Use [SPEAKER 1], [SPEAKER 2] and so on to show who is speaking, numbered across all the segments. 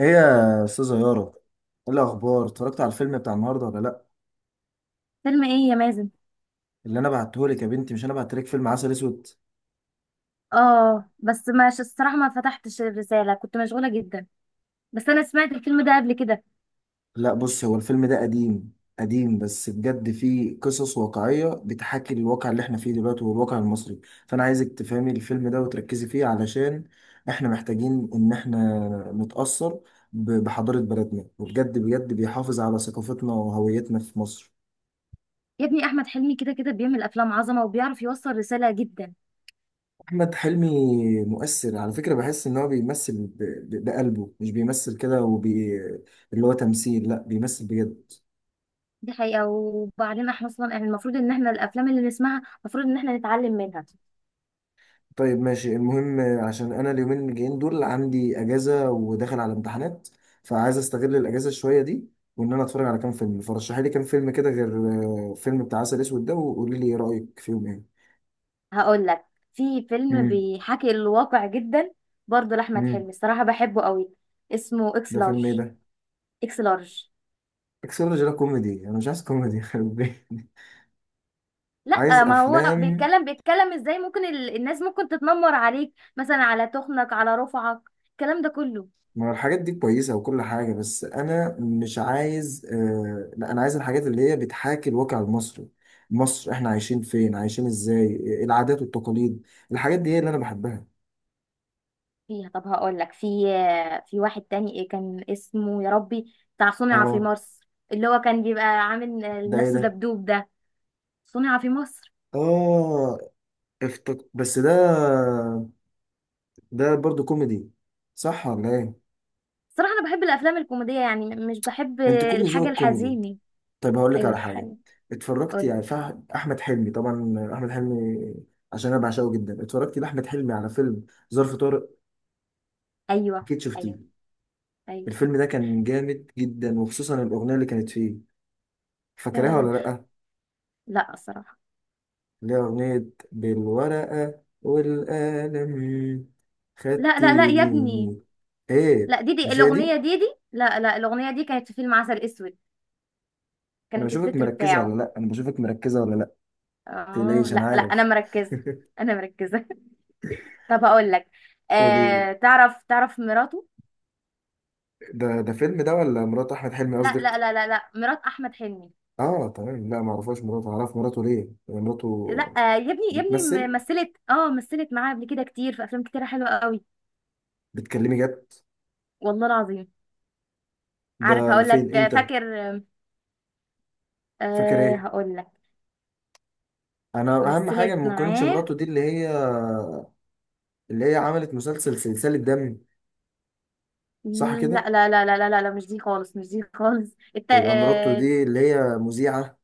[SPEAKER 1] ايه يا استاذه يارا؟ ايه الاخبار؟ اتفرجت على الفيلم بتاع النهارده ولا لا؟
[SPEAKER 2] فيلم ايه يا مازن؟
[SPEAKER 1] اللي انا بعته لك يا بنتي، مش انا بعت لك فيلم عسل اسود؟
[SPEAKER 2] اه بس ماشي الصراحه ما فتحتش الرساله، كنت مشغوله جدا. بس انا سمعت الفيلم ده قبل كده.
[SPEAKER 1] لا بص، هو الفيلم ده قديم. قديم بس بجد فيه قصص واقعيه بتحاكي الواقع اللي احنا فيه دلوقتي والواقع المصري. فانا عايزك تفهمي الفيلم ده وتركزي فيه علشان احنا محتاجين ان احنا نتاثر بحضاره بلدنا، وبجد بجد بيحافظ على ثقافتنا وهويتنا في مصر.
[SPEAKER 2] يا ابني احمد حلمي كده كده بيعمل افلام عظمه وبيعرف يوصل رساله جدا.
[SPEAKER 1] أحمد حلمي مؤثر على فكرة، بحس إن هو بيمثل بقلبه، مش بيمثل كده اللي هو تمثيل، لا بيمثل بجد.
[SPEAKER 2] دي حقيقه، وبعدين احنا اصلا يعني المفروض ان احنا الافلام اللي نسمعها المفروض ان احنا نتعلم منها.
[SPEAKER 1] طيب ماشي، المهم عشان أنا اليومين الجايين دول عندي أجازة وداخل على امتحانات، فعايز أستغل الأجازة شوية دي، وإن أنا أتفرج على كام فيلم. فرشحي لي كام فيلم كده، غير فيلم بتاع عسل أسود ده، وقولي لي إيه رأيك فيهم إيه.
[SPEAKER 2] هقول لك، في فيلم
[SPEAKER 1] امم.
[SPEAKER 2] بيحكي الواقع جدا، برضه لاحمد
[SPEAKER 1] امم.
[SPEAKER 2] حلمي الصراحه بحبه قوي، اسمه اكس
[SPEAKER 1] ده فيلم إيه
[SPEAKER 2] لارج.
[SPEAKER 1] ده؟
[SPEAKER 2] اكس لارج.
[SPEAKER 1] اكسلوجي؟ ده كوميدي، أنا مش عايز كوميدي يخرب بيتي. عايز
[SPEAKER 2] لا، ما هو
[SPEAKER 1] أفلام.
[SPEAKER 2] بيتكلم، الناس ممكن تتنمر عليك مثلا على تخنك، على رفعك، الكلام ده كله.
[SPEAKER 1] ما هو الحاجات دي كويسة وكل حاجة، بس أنا مش عايز، لا، أنا عايز الحاجات اللي هي بتحاكي الواقع المصري. مصر، إحنا عايشين فين، عايشين إزاي، العادات والتقاليد، الحاجات دي هي اللي أنا بحبها.
[SPEAKER 2] فيها. طب هقول لك، في واحد تاني إيه كان اسمه يا ربي، بتاع صنع في
[SPEAKER 1] آه،
[SPEAKER 2] مصر، اللي هو كان بيبقى عامل
[SPEAKER 1] ده إيه
[SPEAKER 2] نفسه
[SPEAKER 1] ده؟
[SPEAKER 2] دبدوب ده، صنع في مصر.
[SPEAKER 1] آه، بس ده، ده برضو كوميدي، صح ولا إيه؟
[SPEAKER 2] صراحة انا بحب الافلام الكوميدية، يعني مش بحب
[SPEAKER 1] ما أنت كل
[SPEAKER 2] الحاجة
[SPEAKER 1] ذوقك كوميدي.
[SPEAKER 2] الحزينة.
[SPEAKER 1] طيب هقول لك
[SPEAKER 2] ايوه
[SPEAKER 1] على حاجة.
[SPEAKER 2] الحاجة.
[SPEAKER 1] اتفرجت
[SPEAKER 2] قولي.
[SPEAKER 1] يعني أحمد حلمي طبعا. أحمد حلمي، عشان أنا بعشقه جدا، اتفرجت لأحمد حلمي على فيلم ظرف طارق.
[SPEAKER 2] ايوه.
[SPEAKER 1] أكيد شفتيه؟
[SPEAKER 2] ايوه. ايوه.
[SPEAKER 1] الفيلم ده كان جامد جدا، وخصوصا الأغنية اللي كانت فيه. فاكرها ولا
[SPEAKER 2] فعلا.
[SPEAKER 1] لأ؟
[SPEAKER 2] لا الصراحة.
[SPEAKER 1] اللي هي أغنية بالورقة والقلم
[SPEAKER 2] لا لا لا يا ابني.
[SPEAKER 1] خدتيني. إيه،
[SPEAKER 2] لا، ديدي
[SPEAKER 1] مش هي دي؟
[SPEAKER 2] الاغنيه، ديدي لا لا الاغنيه دي كانت في فيلم عسل اسود،
[SPEAKER 1] أنا
[SPEAKER 2] كانت
[SPEAKER 1] بشوفك
[SPEAKER 2] التتر
[SPEAKER 1] مركزة ولا
[SPEAKER 2] بتاعه.
[SPEAKER 1] لأ؟ أنا بشوفك مركزة ولا لأ؟
[SPEAKER 2] اه
[SPEAKER 1] متقلقيش، أنا
[SPEAKER 2] لا لا انا
[SPEAKER 1] عارف.
[SPEAKER 2] مركزه. انا مركزه طب هقول لك،
[SPEAKER 1] قوليلي.
[SPEAKER 2] تعرف مراته؟
[SPEAKER 1] ده فيلم ده، ولا مرات أحمد حلمي
[SPEAKER 2] لا لا
[SPEAKER 1] قصدك؟
[SPEAKER 2] لا لا لا، مرات احمد حلمي.
[SPEAKER 1] آه تمام، لأ، معرفهاش مراته. أعرف مراته ليه؟ يعني
[SPEAKER 2] لا،
[SPEAKER 1] مراته
[SPEAKER 2] يا ابني،
[SPEAKER 1] بتمثل؟
[SPEAKER 2] مثلت، مثلت معاه قبل كده كتير في افلام كتير حلوه قوي.
[SPEAKER 1] بتكلمي جد؟
[SPEAKER 2] والله العظيم. عارف،
[SPEAKER 1] ده
[SPEAKER 2] هقول
[SPEAKER 1] فين،
[SPEAKER 2] لك،
[SPEAKER 1] إمتى؟
[SPEAKER 2] فاكر،
[SPEAKER 1] فاكر
[SPEAKER 2] آه،
[SPEAKER 1] إيه؟
[SPEAKER 2] هقول لك.
[SPEAKER 1] انا اهم حاجه
[SPEAKER 2] مثلت
[SPEAKER 1] ما تكونش
[SPEAKER 2] معاه.
[SPEAKER 1] مراته دي اللي هي عملت مسلسل سلسله دم. صح كده،
[SPEAKER 2] لا لا لا لا لا لا لا، مش دي خالص، مش دي خالص الت...
[SPEAKER 1] يبقى مراته
[SPEAKER 2] آه،
[SPEAKER 1] دي اللي هي مذيعه.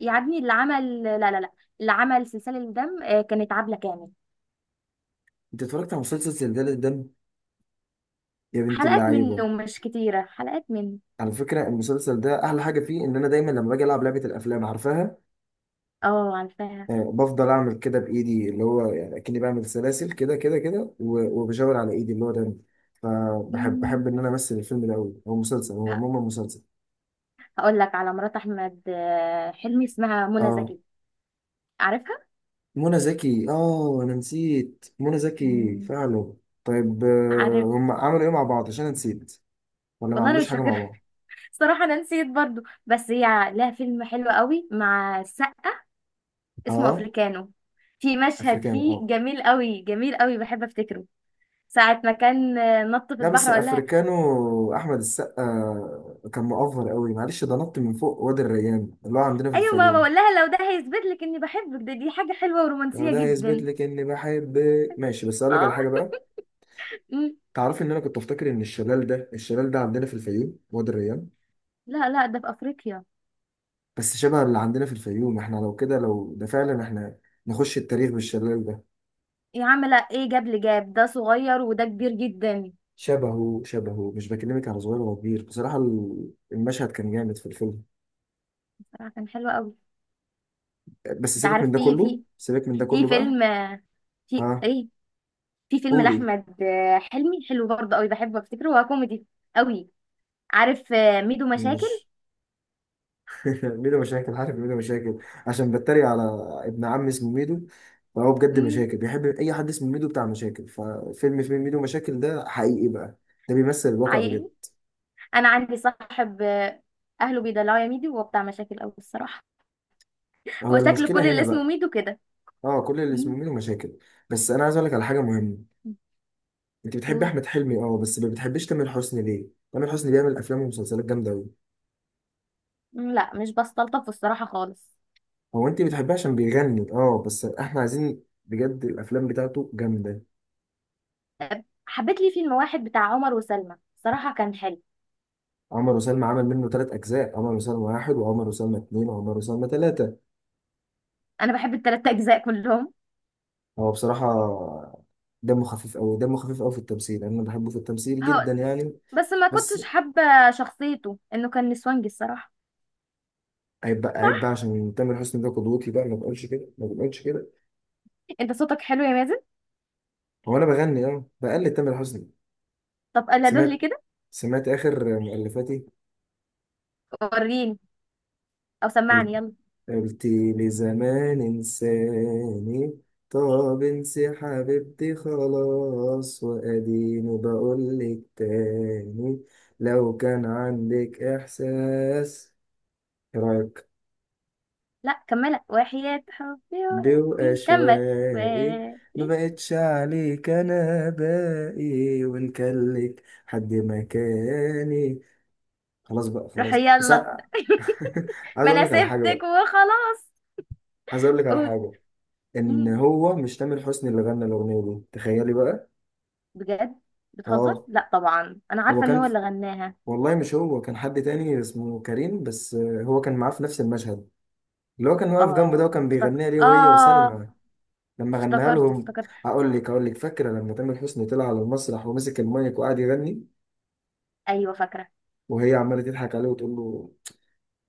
[SPEAKER 2] يعدني اللي عمل، لا لا لا، اللي عمل سلسلة الدم كانت عبلة كامل.
[SPEAKER 1] انت اتفرجت على مسلسل سلسله دم يا بنت
[SPEAKER 2] حلقات
[SPEAKER 1] اللعيبه؟
[SPEAKER 2] منه، مش كتيرة حلقات منه.
[SPEAKER 1] على فكره المسلسل ده احلى حاجه فيه ان انا دايما لما باجي العب لعبه الافلام، عارفاها،
[SPEAKER 2] اه عارفاها.
[SPEAKER 1] آه، بفضل اعمل كده بايدي، اللي هو يعني اكني بعمل سلاسل كده كده كده، وبشاور على ايدي اللي هو دم. فبحب
[SPEAKER 2] مم.
[SPEAKER 1] ان انا امثل الفيلم ده قوي، هو مسلسل، هو
[SPEAKER 2] ه-
[SPEAKER 1] عموما مسلسل.
[SPEAKER 2] هقول لك على مرات احمد حلمي، اسمها منى
[SPEAKER 1] اه،
[SPEAKER 2] زكي. عارفها.
[SPEAKER 1] منى زكي. اه انا نسيت منى زكي
[SPEAKER 2] مم.
[SPEAKER 1] فعلا. طيب،
[SPEAKER 2] عارف.
[SPEAKER 1] هم عملوا ايه مع بعض عشان أنا نسيت؟ ولا ما
[SPEAKER 2] والله انا
[SPEAKER 1] عملوش
[SPEAKER 2] مش
[SPEAKER 1] حاجه مع
[SPEAKER 2] فاكره.
[SPEAKER 1] بعض؟
[SPEAKER 2] صراحه انا نسيت برضو، بس هي لها فيلم حلو قوي مع السقا، اسمه
[SPEAKER 1] اه،
[SPEAKER 2] افريكانو. في مشهد
[SPEAKER 1] افريكانو،
[SPEAKER 2] فيه
[SPEAKER 1] اه.
[SPEAKER 2] جميل قوي، جميل قوي، بحب افتكره. ساعة ما كان نط في
[SPEAKER 1] لا
[SPEAKER 2] البحر
[SPEAKER 1] بس
[SPEAKER 2] وقال لها،
[SPEAKER 1] افريكانو احمد السقا كان مؤفر قوي، معلش، ده نط من فوق وادي الريان اللي هو عندنا في
[SPEAKER 2] ايوه، ما
[SPEAKER 1] الفيوم.
[SPEAKER 2] بقول لها لو ده هيثبت لك اني بحبك، ده دي حاجه حلوه
[SPEAKER 1] لو
[SPEAKER 2] ورومانسيه
[SPEAKER 1] ده يثبت
[SPEAKER 2] جدا.
[SPEAKER 1] لك اني بحب، ماشي. بس اقول لك على
[SPEAKER 2] اه.
[SPEAKER 1] حاجه بقى،
[SPEAKER 2] مم.
[SPEAKER 1] تعرفي ان انا كنت افتكر ان الشلال ده، الشلال ده عندنا في الفيوم، وادي الريان.
[SPEAKER 2] لا لا، ده في افريقيا.
[SPEAKER 1] بس شبه اللي عندنا في الفيوم احنا. لو كده، لو ده فعلا، احنا نخش التاريخ بالشلال ده.
[SPEAKER 2] يا عم لا، ايه جاب لي، جاب ده صغير وده كبير جدا.
[SPEAKER 1] شبهه شبهه، مش بكلمك على صغير ولا كبير، بصراحة المشهد كان جامد في الفيلم.
[SPEAKER 2] صراحه كان حلو قوي.
[SPEAKER 1] بس
[SPEAKER 2] انت
[SPEAKER 1] سيبك من
[SPEAKER 2] عارف،
[SPEAKER 1] ده
[SPEAKER 2] في
[SPEAKER 1] كله،
[SPEAKER 2] في
[SPEAKER 1] سيبك من ده
[SPEAKER 2] في
[SPEAKER 1] كله بقى.
[SPEAKER 2] فيلم آه، في
[SPEAKER 1] ها،
[SPEAKER 2] ايه، في فيلم
[SPEAKER 1] قولي.
[SPEAKER 2] لاحمد حلمي حلو برضه قوي، بحبه افتكره، هو كوميدي قوي. عارف ميدو
[SPEAKER 1] مين
[SPEAKER 2] مشاكل.
[SPEAKER 1] مش؟ ميدو مشاكل، عارف ميدو مشاكل، عشان بتريق على ابن عم اسمه ميدو، فهو بجد
[SPEAKER 2] مم.
[SPEAKER 1] مشاكل، بيحب اي حد اسمه ميدو بتاع مشاكل، ففيلم فيلم ميدو مشاكل ده حقيقي بقى، ده بيمثل الواقع بجد.
[SPEAKER 2] عيل، انا عندي صاحب اهله بيدلعوا يا ميدو، وهو بتاع مشاكل قوي الصراحه.
[SPEAKER 1] هو
[SPEAKER 2] هو شكل كل
[SPEAKER 1] المشكلة
[SPEAKER 2] اللي
[SPEAKER 1] هنا
[SPEAKER 2] اسمه
[SPEAKER 1] بقى،
[SPEAKER 2] ميدو كده.
[SPEAKER 1] اه، كل اللي اسمه ميدو مشاكل. بس انا عايز اقول لك على حاجة مهمة، انت بتحبي
[SPEAKER 2] مم.
[SPEAKER 1] احمد حلمي اه، بس ما بتحبيش تامر حسني ليه؟ تامر حسني بيعمل افلام ومسلسلات جامده قوي.
[SPEAKER 2] مم، لا مش بستلطف الصراحة خالص.
[SPEAKER 1] هو انت بتحبيه عشان بيغني؟ اه، بس احنا عايزين بجد، الافلام بتاعته جامده.
[SPEAKER 2] حبيت لي فيلم واحد بتاع عمر وسلمى، صراحة كان حلو.
[SPEAKER 1] عمر وسلمى عمل منه ثلاث اجزاء، عمر وسلمى واحد، وعمر وسلمى اتنين، وعمر وسلمى ثلاثه.
[SPEAKER 2] أنا بحب التلات أجزاء كلهم.
[SPEAKER 1] هو بصراحه دمه خفيف قوي، دمه خفيف قوي في التمثيل، انا بحبه في التمثيل
[SPEAKER 2] هو،
[SPEAKER 1] جدا يعني.
[SPEAKER 2] بس ما
[SPEAKER 1] بس
[SPEAKER 2] كنتش حابة شخصيته إنه كان نسوانجي الصراحة.
[SPEAKER 1] عيب بقى، عيب بقى،
[SPEAKER 2] صح.
[SPEAKER 1] عشان تامر حسني ده قدوتي بقى، ما بقولش كده، ما بقولش كده.
[SPEAKER 2] أنت صوتك حلو يا مازن.
[SPEAKER 1] هو انا بغني، اه، بقلد تامر حسني.
[SPEAKER 2] طب قال
[SPEAKER 1] سمعت
[SPEAKER 2] لي كده،
[SPEAKER 1] سمعت اخر مؤلفاتي:
[SPEAKER 2] وريني، أو سمعني يلا.
[SPEAKER 1] قلتي لي زمان انساني، طب انسي حبيبتي خلاص، واديني بقولك تاني، لو كان عندك احساس، راك،
[SPEAKER 2] لا كملها وحياة حبي. إيه. مم، كمل. و...
[SPEAKER 1] بواشوائي، ما
[SPEAKER 2] إيه؟
[SPEAKER 1] بقتش عليك، انا باقي، وان كان لك حد مكاني. خلاص بقى،
[SPEAKER 2] روح
[SPEAKER 1] خلاص بس.
[SPEAKER 2] يلا.
[SPEAKER 1] عايز
[SPEAKER 2] ما
[SPEAKER 1] اقول
[SPEAKER 2] أنا
[SPEAKER 1] لك على حاجه
[SPEAKER 2] سبتك
[SPEAKER 1] بقى
[SPEAKER 2] وخلاص.
[SPEAKER 1] عايز اقول لك على
[SPEAKER 2] قول.
[SPEAKER 1] حاجه، ان
[SPEAKER 2] مم،
[SPEAKER 1] هو مش تامر حسني اللي غنى الاغنيه دي، تخيلي بقى.
[SPEAKER 2] بجد. بتهزر؟
[SPEAKER 1] اه،
[SPEAKER 2] لا طبعا أنا
[SPEAKER 1] هو
[SPEAKER 2] عارفة إن هو
[SPEAKER 1] كان،
[SPEAKER 2] اللي غناها.
[SPEAKER 1] والله مش هو، كان حد تاني اسمه كريم، بس آه، هو كان معاه في نفس المشهد، اللي هو كان واقف جنبه ده
[SPEAKER 2] اه
[SPEAKER 1] وكان
[SPEAKER 2] افتكر،
[SPEAKER 1] بيغنيها ليه، وهي
[SPEAKER 2] اه
[SPEAKER 1] وسلمى، لما غناها
[SPEAKER 2] افتكرت
[SPEAKER 1] لهم.
[SPEAKER 2] افتكرت.
[SPEAKER 1] هقول لك فاكره لما تامر حسني طلع على المسرح ومسك المايك وقعد يغني،
[SPEAKER 2] ايوه فاكره.
[SPEAKER 1] وهي عماله تضحك عليه وتقول له.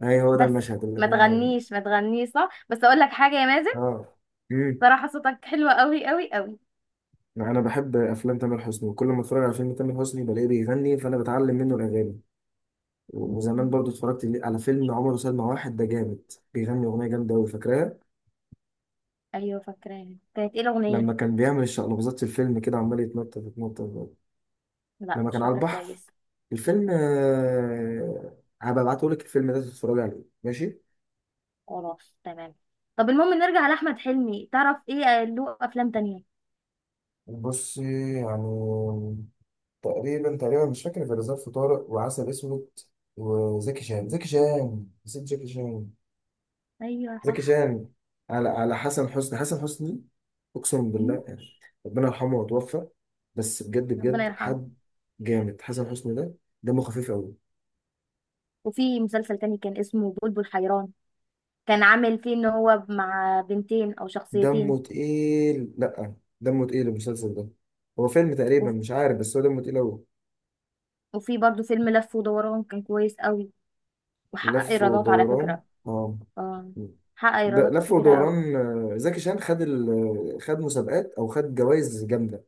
[SPEAKER 1] هي هو ده
[SPEAKER 2] بس
[SPEAKER 1] المشهد اللي
[SPEAKER 2] ما
[SPEAKER 1] غنى الاغنيه.
[SPEAKER 2] تغنيش، ما تغنيش صح، بس اقول لك حاجه يا مازن،
[SPEAKER 1] اه. امم
[SPEAKER 2] صراحه صوتك حلو قوي قوي قوي.
[SPEAKER 1] انا بحب افلام تامر حسني، وكل ما اتفرج على فيلم تامر حسني بلاقيه بيغني، فانا بتعلم منه الاغاني. وزمان
[SPEAKER 2] مم.
[SPEAKER 1] برضو اتفرجت على فيلم عمر وسلمى واحد ده، جامد، بيغني أغنية جامدة أوي فاكراها،
[SPEAKER 2] ايوه فاكراه، كانت ايه الاغنيه؟
[SPEAKER 1] لما كان بيعمل الشقلباظات في الفيلم كده، عمال يتنطط يتنطط،
[SPEAKER 2] لا
[SPEAKER 1] لما
[SPEAKER 2] مش
[SPEAKER 1] كان على
[SPEAKER 2] فاكره
[SPEAKER 1] البحر،
[SPEAKER 2] كويس.
[SPEAKER 1] الفيلم آه، هبقى ابعتهولك الفيلم ده تتفرج عليه ماشي.
[SPEAKER 2] خلاص تمام. طب المهم نرجع لاحمد حلمي، تعرف ايه له افلام تانية؟
[SPEAKER 1] بص يعني، تقريبا تقريبا مش فاكر غير ظرف طارق وعسل اسود، وزكي شان نسيت زكي شان.
[SPEAKER 2] ايوه
[SPEAKER 1] زكي
[SPEAKER 2] صح.
[SPEAKER 1] شان على حسن حسني، حسن حسني اقسم
[SPEAKER 2] مم.
[SPEAKER 1] بالله يعني، ربنا يرحمه وتوفى، بس بجد
[SPEAKER 2] ربنا
[SPEAKER 1] بجد
[SPEAKER 2] يرحمه.
[SPEAKER 1] حد جامد حسن حسني ده، دمه خفيف قوي.
[SPEAKER 2] وفي مسلسل تاني كان اسمه بلبل حيران، كان عامل فيه ان هو مع بنتين او شخصيتين.
[SPEAKER 1] دمه تقيل، لا، دمه تقيل المسلسل ده، هو فيلم تقريبا مش عارف، بس هو دمه تقيل قوي.
[SPEAKER 2] وفي برضو فيلم لف ودوران، كان كويس قوي وحقق
[SPEAKER 1] لف
[SPEAKER 2] ايرادات على
[SPEAKER 1] ودوران،
[SPEAKER 2] فكرة.
[SPEAKER 1] اه،
[SPEAKER 2] اه. حقق
[SPEAKER 1] ده
[SPEAKER 2] ايرادات
[SPEAKER 1] لف
[SPEAKER 2] كبيرة قوي.
[SPEAKER 1] ودوران. زكي شان خد خد مسابقات او خد جوائز جامده،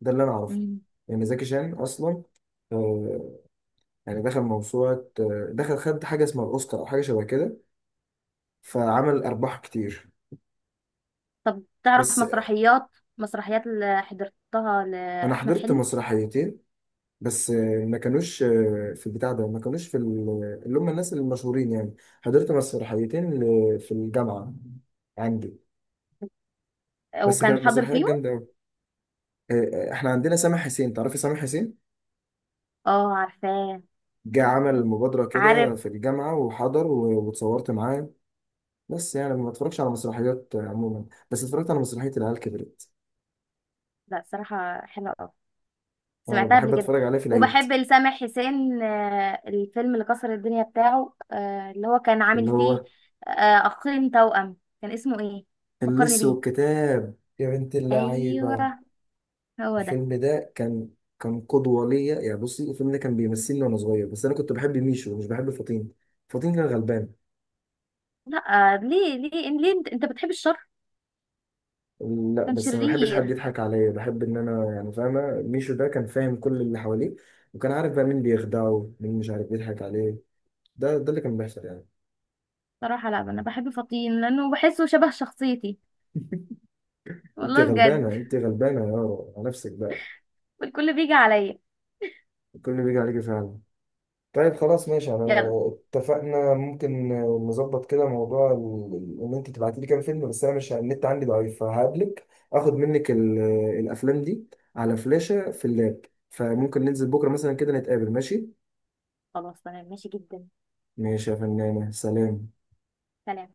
[SPEAKER 1] ده اللي انا اعرفه.
[SPEAKER 2] مم.
[SPEAKER 1] يعني زكي شان اصلا، آه، يعني دخل موسوعة، دخل خد حاجة اسمها الأوسكار أو حاجة شبه كده، فعمل أرباح كتير.
[SPEAKER 2] طب تعرف
[SPEAKER 1] بس
[SPEAKER 2] مسرحيات، مسرحيات اللي حضرتها
[SPEAKER 1] أنا
[SPEAKER 2] لأحمد
[SPEAKER 1] حضرت
[SPEAKER 2] حلمي؟
[SPEAKER 1] مسرحيتين بس، ما كانوش في البتاع ده، ما كانوش في اللي هم الناس المشهورين يعني. حضرت مسرحيتين في الجامعة عندي، بس
[SPEAKER 2] وكان
[SPEAKER 1] كانت
[SPEAKER 2] حاضر
[SPEAKER 1] مسرحيات
[SPEAKER 2] فيهم؟
[SPEAKER 1] جامدة أوي. إحنا عندنا سامح حسين، تعرفي سامح حسين؟
[SPEAKER 2] اه عارفاه.
[SPEAKER 1] جه عمل مبادرة كده
[SPEAKER 2] عارف.
[SPEAKER 1] في الجامعة وحضر، واتصورت معاه. بس يعني ما اتفرجش على مسرحيات عموما، بس اتفرجت على مسرحية العيال كبرت،
[SPEAKER 2] لا صراحة حلوة قوي،
[SPEAKER 1] اه
[SPEAKER 2] سمعتها
[SPEAKER 1] بحب
[SPEAKER 2] قبل كده.
[SPEAKER 1] اتفرج عليه في العيد.
[SPEAKER 2] وبحب لسامح حسين الفيلم اللي كسر الدنيا بتاعه، اللي هو كان عامل
[SPEAKER 1] اللي
[SPEAKER 2] فيه
[SPEAKER 1] هو
[SPEAKER 2] آه، أخين توأم، كان اسمه ايه؟ فكرني
[SPEAKER 1] اللص
[SPEAKER 2] بيه.
[SPEAKER 1] والكتاب يا بنت اللعيبة.
[SPEAKER 2] ايوه هو ده.
[SPEAKER 1] الفيلم ده كان، كان قدوة ليا يعني. بصي، الفيلم ده كان بيمثلني وأنا صغير، بس أنا كنت بحب ميشو، مش بحب فطين. فطين كان غلبان.
[SPEAKER 2] لا ليه ليه ليه، انت بتحب الشر.
[SPEAKER 1] لا
[SPEAKER 2] كان
[SPEAKER 1] بس ما بحبش حد
[SPEAKER 2] شرير.
[SPEAKER 1] يضحك عليا، بحب إن أنا يعني فاهمة. ميشو ده كان فاهم كل اللي حواليه، وكان عارف بقى مين بيخدعه، مين مش عارف بيضحك عليه. ده اللي كان بيحصل يعني.
[SPEAKER 2] صراحة لا، انا بحب فطين لانه بحسه شبه شخصيتي،
[SPEAKER 1] أنت
[SPEAKER 2] والله بجد.
[SPEAKER 1] غلبانة، أنت غلبانة يا يارا على نفسك بقى،
[SPEAKER 2] والكل بيجي عليا.
[SPEAKER 1] كل اللي بيجي عليكي فعلا. طيب خلاص، ماشي، انا
[SPEAKER 2] يلا.
[SPEAKER 1] اتفقنا. ممكن نظبط كده موضوع ان انت تبعتي لي كام فيلم، بس انا، مش النت عندي ضعيف، فهقابلك اخد منك الافلام دي على فلاشة في اللاب، فممكن ننزل بكرة مثلا كده نتقابل، ماشي؟
[SPEAKER 2] خلاص تمام ماشي جدا.
[SPEAKER 1] ماشي يا فنانة، سلام.
[SPEAKER 2] سلام.